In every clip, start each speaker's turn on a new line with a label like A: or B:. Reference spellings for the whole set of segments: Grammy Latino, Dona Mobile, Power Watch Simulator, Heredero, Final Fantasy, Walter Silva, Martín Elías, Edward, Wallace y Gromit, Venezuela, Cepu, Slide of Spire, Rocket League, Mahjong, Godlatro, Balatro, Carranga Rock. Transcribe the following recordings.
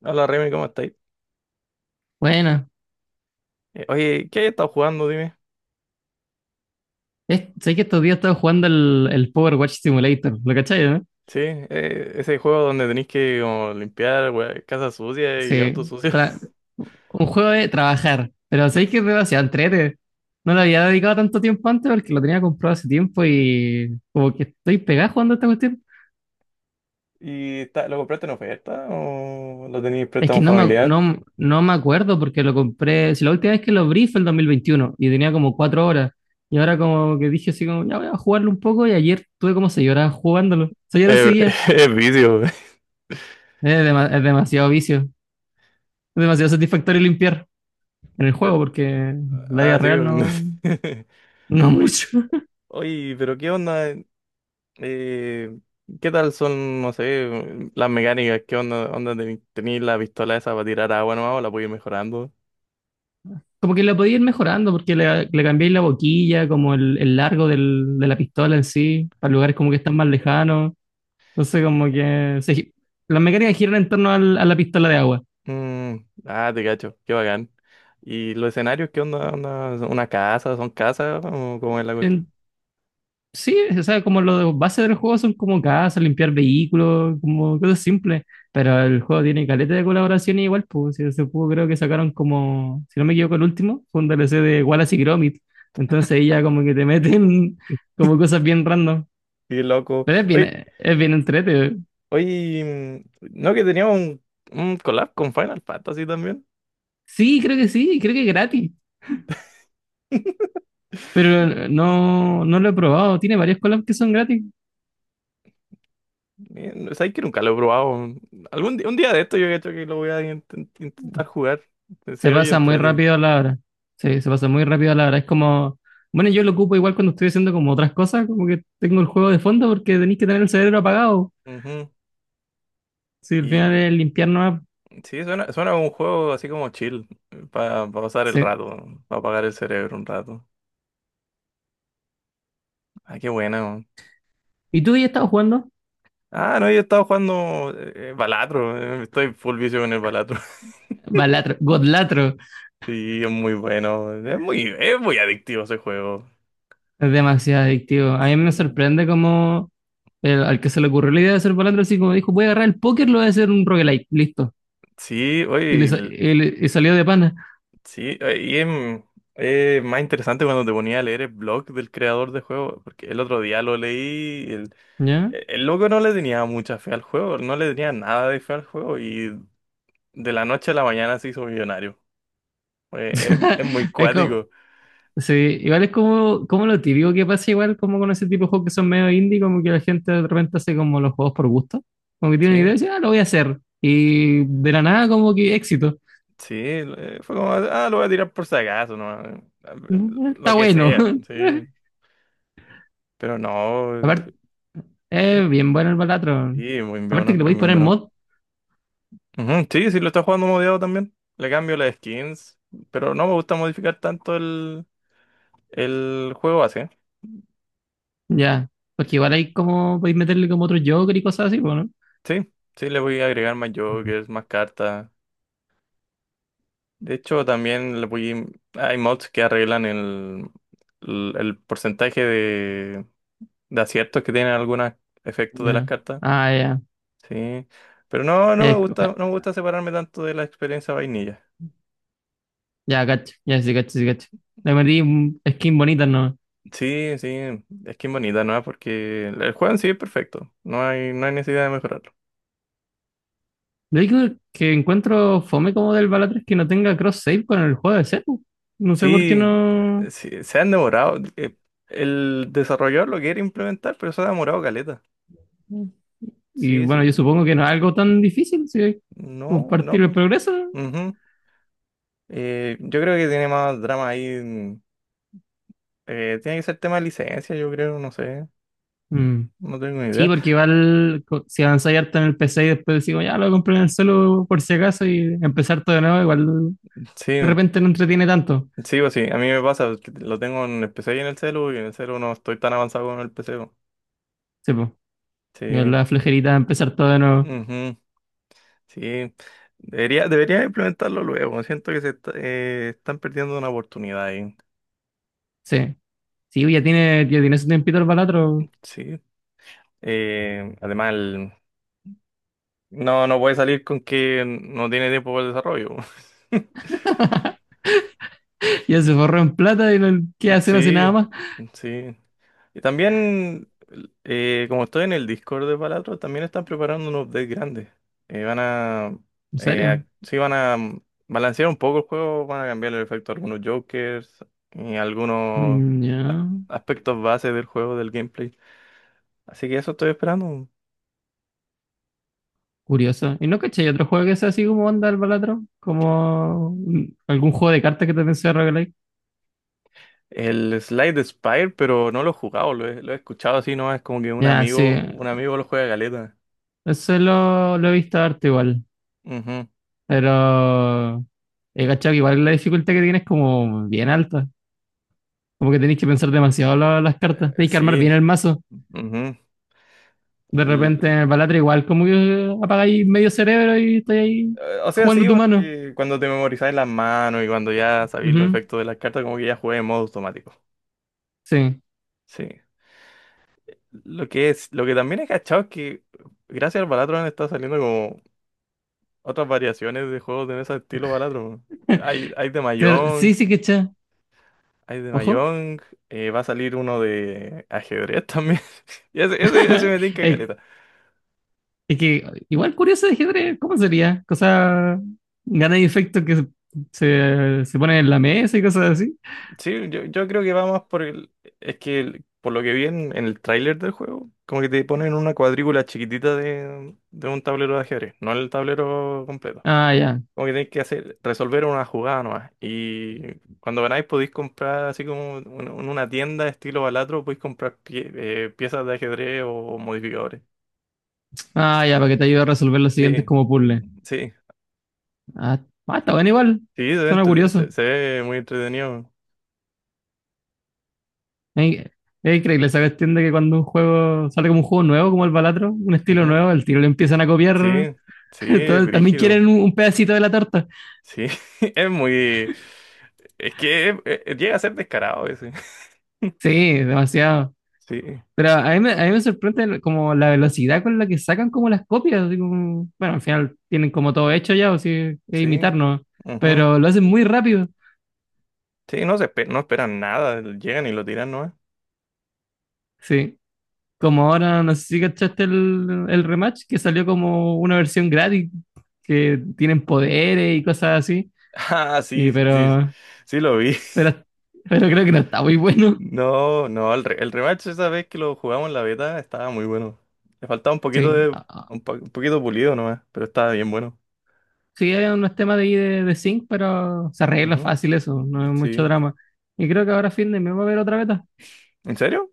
A: Hola Remy, ¿cómo estáis?
B: Bueno,
A: Oye, ¿qué has estado jugando? Dime.
B: sé que estos días estaba jugando el Power Watch Simulator, ¿lo cachai, no?
A: Sí, ese juego donde tenéis que como, limpiar wea, casa sucia y auto
B: Sí,
A: sucio.
B: tra- un juego de trabajar, pero sé que es demasiado entrete. No le había dedicado tanto tiempo antes porque lo tenía comprado hace tiempo y como que estoy pegado jugando a esta cuestión.
A: ¿Y está, lo compraste en oferta o lo tenéis
B: Es que
A: préstamo familiar?
B: no me acuerdo porque lo compré, si la última vez que lo abrí fue el 2021 y tenía como 4 horas. Y ahora como que dije así como, ya voy a jugarlo un poco y ayer tuve como 6 horas jugándolo. 6 horas
A: Eh,
B: seguía.
A: es vicio.
B: Es demasiado vicio. Demasiado satisfactorio limpiar en el
A: Pe-
B: juego porque la vida
A: Ah, sí.
B: real
A: no
B: no,
A: sé.
B: no
A: Oye,
B: mucho.
A: pero ¿qué onda? Eh, ¿Qué tal son, no sé, las mecánicas? ¿Qué onda? ¿Tenéis la pistola esa para tirar agua nomás o la puedes ir mejorando?
B: Como que la podía ir mejorando porque le cambiáis la boquilla, como el largo de la pistola en sí, para lugares como que están más lejanos. Entonces, como que se las mecánicas giran en torno a la pistola de agua.
A: Mm, ah, te cacho, qué bacán. ¿Y los escenarios qué onda? ¿Onda son Una casa? ¿Son casas? ¿O cómo es la cuestión?
B: En- Sí, o sea, como los bases del juego son como casas, limpiar vehículos, como cosas simples. Pero el juego tiene caleta de colaboraciones igual, pues si ese juego creo que sacaron como, si no me equivoco, el último, fue un DLC de Wallace y Gromit. Entonces ahí ya como que te meten como cosas bien random.
A: Qué loco.
B: Pero
A: Oye,
B: es bien entrete.
A: mm, ¿no que tenía un collab con Final Fantasy también?
B: Sí, creo que es gratis. Pero no lo he probado. Tiene varias collabs que son gratis.
A: ¿Sabes que nunca lo he probado? Algún día un día de esto yo creo que lo voy a intentar jugar.
B: Se
A: Se oye
B: pasa muy
A: entrete.
B: rápido la hora. Sí, se pasa muy rápido la hora. Es como, bueno, yo lo ocupo igual cuando estoy haciendo como otras cosas, como que tengo el juego de fondo porque tenéis que tener el cerebro apagado.
A: Ujú.
B: Si al
A: Y
B: final
A: mm,
B: es limpiar nomás.
A: sí, suena, suena como un juego así como chill, para pasar el
B: Sí.
A: rato, para apagar el cerebro un rato. Ah, qué buena.
B: ¿Y tú ya estabas jugando?
A: Ah, no, yo he estado jugando Balatro, estoy full vicio con el Balatro.
B: Balatro, Godlatro.
A: Sí, es muy bueno, es muy adictivo ese juego.
B: Es demasiado adictivo. A mí me
A: Sí,
B: sorprende como al que se le ocurrió la idea de hacer Balatro, así como dijo, voy a agarrar el póker, lo voy a hacer un roguelike. Listo.
A: sí,
B: Y,
A: oye,
B: le sa- y le- y salió de pana.
A: sí, y es, es más interesante cuando te ponía a leer el blog del creador de juego, porque el otro día lo leí,
B: ¿Ya?
A: el loco no le tenía mucha fe al juego, no le tenía nada de fe al juego y de la noche a la mañana se hizo millonario. Oye, es muy
B: Es como,
A: cuático,
B: sí, igual es como, como lo típico que pasa, igual como con ese tipo de juegos que son medio indie, como que la gente de repente hace como los juegos por gusto, como que tiene una idea y
A: sí.
B: dice, ah, lo voy a hacer. Y de la nada, como que éxito.
A: Sí, fue como, ah, lo voy a tirar por si acaso, no,
B: Mm,
A: lo
B: está
A: que
B: bueno.
A: sea, sí, pero no,
B: Aparte,
A: es-
B: es bien bueno el Balatron.
A: sí, es muy
B: Aparte que
A: bueno,
B: le
A: es
B: podéis
A: muy
B: poner
A: bueno.
B: mod,
A: Ujú, sí, sí, lo está jugando modiado también, le cambio las skins, pero no me gusta modificar tanto el juego así,
B: ya. Porque igual hay como, podéis meterle como otro Joker y cosas así, bueno.
A: sí, sí, le voy a agregar más
B: Mm.
A: jokers, más cartas, de hecho también le voy, hay mods que arreglan el porcentaje de aciertos que tienen algunos efectos de las
B: Ya.
A: cartas.
B: Ah, ya.
A: Sí, pero no, no me
B: Es-
A: gusta,
B: ah,
A: no me gusta separarme tanto de la experiencia vainilla.
B: ya, cacho. Ya, sí, cacho, sí, cacho. Le metí un skin bonita, ¿no?
A: Sí, sí, es que es bonita, ¿no? Porque el juego en sí es perfecto, no hay, no hay necesidad de mejorarlo.
B: Lo único que encuentro fome como del Balatro es que no tenga cross-save con el juego de Cepu. No sé por qué
A: Sí,
B: no.
A: sí, se han demorado, el desarrollador lo quiere implementar, pero se ha demorado caleta.
B: Y
A: Sí, sí,
B: bueno, yo supongo que no es algo tan difícil, si
A: no, no,
B: compartir el
A: po.
B: progreso.
A: Ujú. Yo creo que tiene más drama ahí, mm, tiene que ser tema de licencia, yo creo, no sé,
B: Mm.
A: no tengo ni
B: Sí,
A: idea.
B: porque igual si avanzáis harto en el PC y después decimos, ya lo compré en el celu por si acaso y empezar todo de nuevo, igual
A: Sí,
B: de repente no entretiene tanto.
A: sí o sí, a mí me pasa, pues, que lo tengo en el PC y en el celu, y en el celu no estoy tan avanzado con el PC. Po.
B: Sí, pues, igual
A: Sí,
B: la flejerita de empezar todo de nuevo.
A: ujú, sí. Debería, debería implementarlo luego, siento que se están perdiendo una oportunidad ahí.
B: Sí, sí, ya tiene su tiempito el balatro,
A: Sí. Además, no, no puede salir con que no tiene tiempo para el desarrollo.
B: ya se forró en plata y no, ¿qué hace? No hace nada
A: Sí,
B: más.
A: sí. Y también, como estoy en el Discord de Palatro, también están preparando un update grande. Eh, van a,
B: En serio.
A: sí, van a balancear un poco el juego, van a cambiar el efecto a algunos jokers y algunos
B: Mm,
A: a-
B: ya,
A: aspectos base del juego, del gameplay. Así que eso estoy esperando.
B: curioso. ¿Y no caché? ¿Hay otro juego que sea así como onda el Balatro? ¿Como algún juego de cartas que también sea roguelike?
A: El Slide de Spire, pero no lo he jugado, lo he escuchado así, ¿no? Es como que
B: Ya, sí.
A: un amigo lo juega galeta.
B: Eso lo he visto harto igual.
A: Ujú.
B: Pero he cachado que igual la dificultad que tienes es como bien alta. Como que tenéis que pensar demasiado las cartas. Tenéis que armar
A: Sí.
B: bien el mazo.
A: Ujú.
B: De repente en el Balatro igual como que apagáis medio cerebro y estáis ahí
A: O sea,
B: jugando
A: sí,
B: tu mano.
A: porque cuando te memorizáis las manos y cuando ya sabéis los
B: Ujú,
A: efectos de las cartas, como que ya juegas en modo automático.
B: sí.
A: Sí. Lo que es, lo que también he cachado es que gracias al Balatro han estado saliendo como otras variaciones de juegos de ese estilo Balatro. Hay,
B: Claro, sí, sí, caché.
A: Hay de
B: Ojo.
A: Mahjong, va a salir uno de ajedrez también. Y ese me tinca
B: Es
A: caleta.
B: Es que igual curioso de ajedrez, ¿cómo sería? Cosa, gana y efecto que se ponen en la mesa y cosas así.
A: Sí, yo creo que va más por el... Es que por lo que vi en el tráiler del juego, como que te ponen una cuadrícula chiquitita de un tablero de ajedrez, no el tablero completo.
B: Ah, ya.
A: Como que tenéis que hacer, resolver una jugada nomás. Y cuando ganáis podéis comprar, así como en una tienda estilo Balatro, podéis comprar piezas de ajedrez o modificadores.
B: Ah, ya, para que te ayude a resolver los siguientes
A: Sí,
B: como puzzle.
A: sí,
B: Ah, ah, está bueno igual.
A: sí, se ve,
B: Suena curioso.
A: se ve muy entretenido.
B: Es es increíble esa cuestión de que cuando un juego sale como un juego nuevo, como el Balatro, un estilo
A: Ujú.
B: nuevo, el tiro le empiezan a
A: Sí,
B: copiar.
A: sí, es
B: También quieren
A: brígido.
B: un pedacito de la torta.
A: Sí, es muy... Es que llega a ser descarado ese.
B: Sí, demasiado.
A: Sí,
B: Pero a mí me sorprende como la velocidad con la que sacan como las copias. Así como, bueno, al final tienen como todo hecho ya, o si es
A: sí.
B: imitarnos,
A: Ujú.
B: pero lo hacen muy rápido.
A: Sí, no se no esperan nada, llegan y lo tiran, ¿no?
B: Sí. Como ahora, no sé si cachaste el rematch, que salió como una versión gratis, que tienen poderes y cosas así.
A: Ah,
B: Y
A: sí, sí, sí,
B: pero,
A: sí lo vi.
B: pero, pero creo que no está muy bueno.
A: No, no, el, el rematch esa vez que lo jugamos en la beta estaba muy bueno. Le faltaba un poquito
B: Sí.
A: de,
B: Ah, ah.
A: un poquito pulido nomás, pero estaba bien bueno.
B: Sí, hay unos temas de ahí de sync, pero se arregla
A: Ujú.
B: fácil eso, no es mucho
A: Sí.
B: drama. Y creo que ahora fin de mes va a haber otra beta.
A: ¿En serio?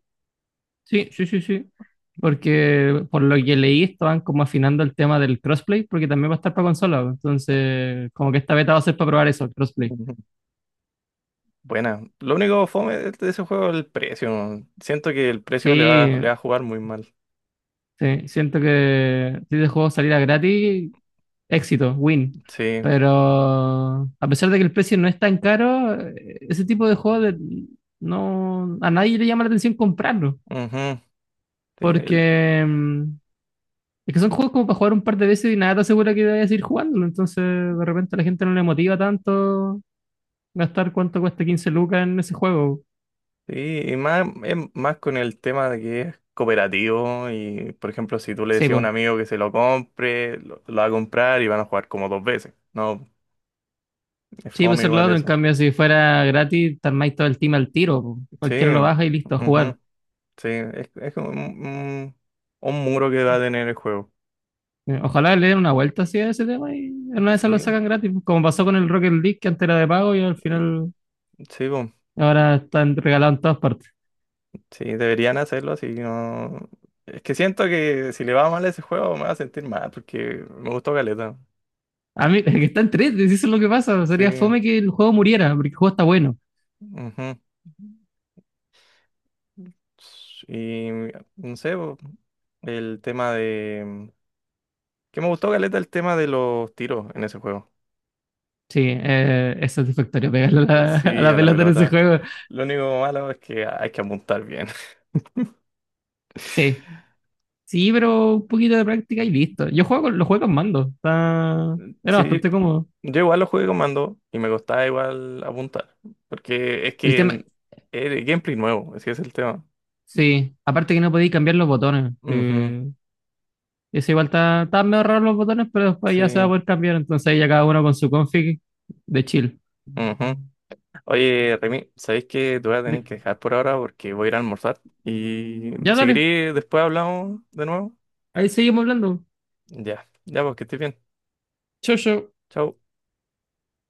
B: Sí, sí, sí, sí. Porque por lo que leí, estaban como afinando el tema del crossplay, porque también va a estar para consola, pues. Entonces, como que esta beta va a ser para probar eso, el crossplay.
A: Ujú. Buena. Lo único fome de ese juego es el precio. Siento que el precio
B: Sí,
A: le va a jugar muy mal.
B: sí, siento que si este juego saliera gratis, éxito, win.
A: Sí,
B: Pero a pesar de que el precio no es tan caro, ese tipo de no, a nadie le llama la atención comprarlo.
A: ujú, sí,
B: Porque es que son juegos como para jugar un par de veces y nada te asegura que vayas a ir jugándolo. Entonces, de repente a la gente no le motiva tanto gastar cuánto cuesta 15 lucas en ese juego.
A: sí, y más, es más con el tema de que es cooperativo y, por ejemplo, si tú le
B: Sí,
A: decías a un
B: pues.
A: amigo que se lo compre, lo va a comprar y van a jugar como dos veces. No, es
B: Sí,
A: fome
B: pues es lo
A: igual
B: otro. En
A: eso.
B: cambio, si fuera gratis, te armáis todo el team al tiro, po.
A: Sí,
B: Cualquiera lo baja y listo, a
A: ujú,
B: jugar.
A: sí, es como un, un muro que va a tener el juego.
B: Ojalá le den una vuelta así a ese tema y en una de esas lo
A: Sí,
B: sacan gratis. Como pasó con el Rocket League, que antes era de pago y al
A: mm,
B: final
A: sí, po.
B: ahora están regalados en todas partes.
A: Sí, deberían hacerlo así, no... Es que siento que si le va mal a ese juego me va a sentir mal porque me gustó caleta.
B: A mí, es que están tres, eso es lo que pasa. Sería
A: Sí.
B: fome que el juego muriera, porque el juego está bueno.
A: Ujú. Y no sé, bo, el tema de... mm, que me gustó, Galeta, el tema de los tiros en ese juego.
B: Sí, es satisfactorio pegarle a la, a
A: Sí,
B: la
A: a la
B: pelota en ese
A: pelota.
B: juego.
A: Lo único malo es que hay que apuntar bien.
B: Sí, sí, pero un poquito de práctica y listo. Yo lo juego con mando. Está... Era
A: Sí,
B: bastante cómodo.
A: yo igual lo jugué con mando y me costaba igual apuntar. Porque es
B: El
A: que
B: tema,
A: es gameplay nuevo, ese es el tema.
B: sí, aparte que no podéis cambiar los botones.
A: Ujú,
B: Eso igual está medio raro los botones, pero después ya se va a
A: sí.
B: poder cambiar. Entonces ahí ya cada uno con su config de chill.
A: Ujú. Oye, Remy, ¿sabéis que te voy a tener
B: De-
A: que dejar por ahora porque voy a ir a almorzar? Y
B: Ya
A: si
B: dale,
A: querés, después hablamos de nuevo.
B: ahí seguimos hablando.
A: Ya, ya, pues que estés bien.
B: Chau, chau.
A: Chau.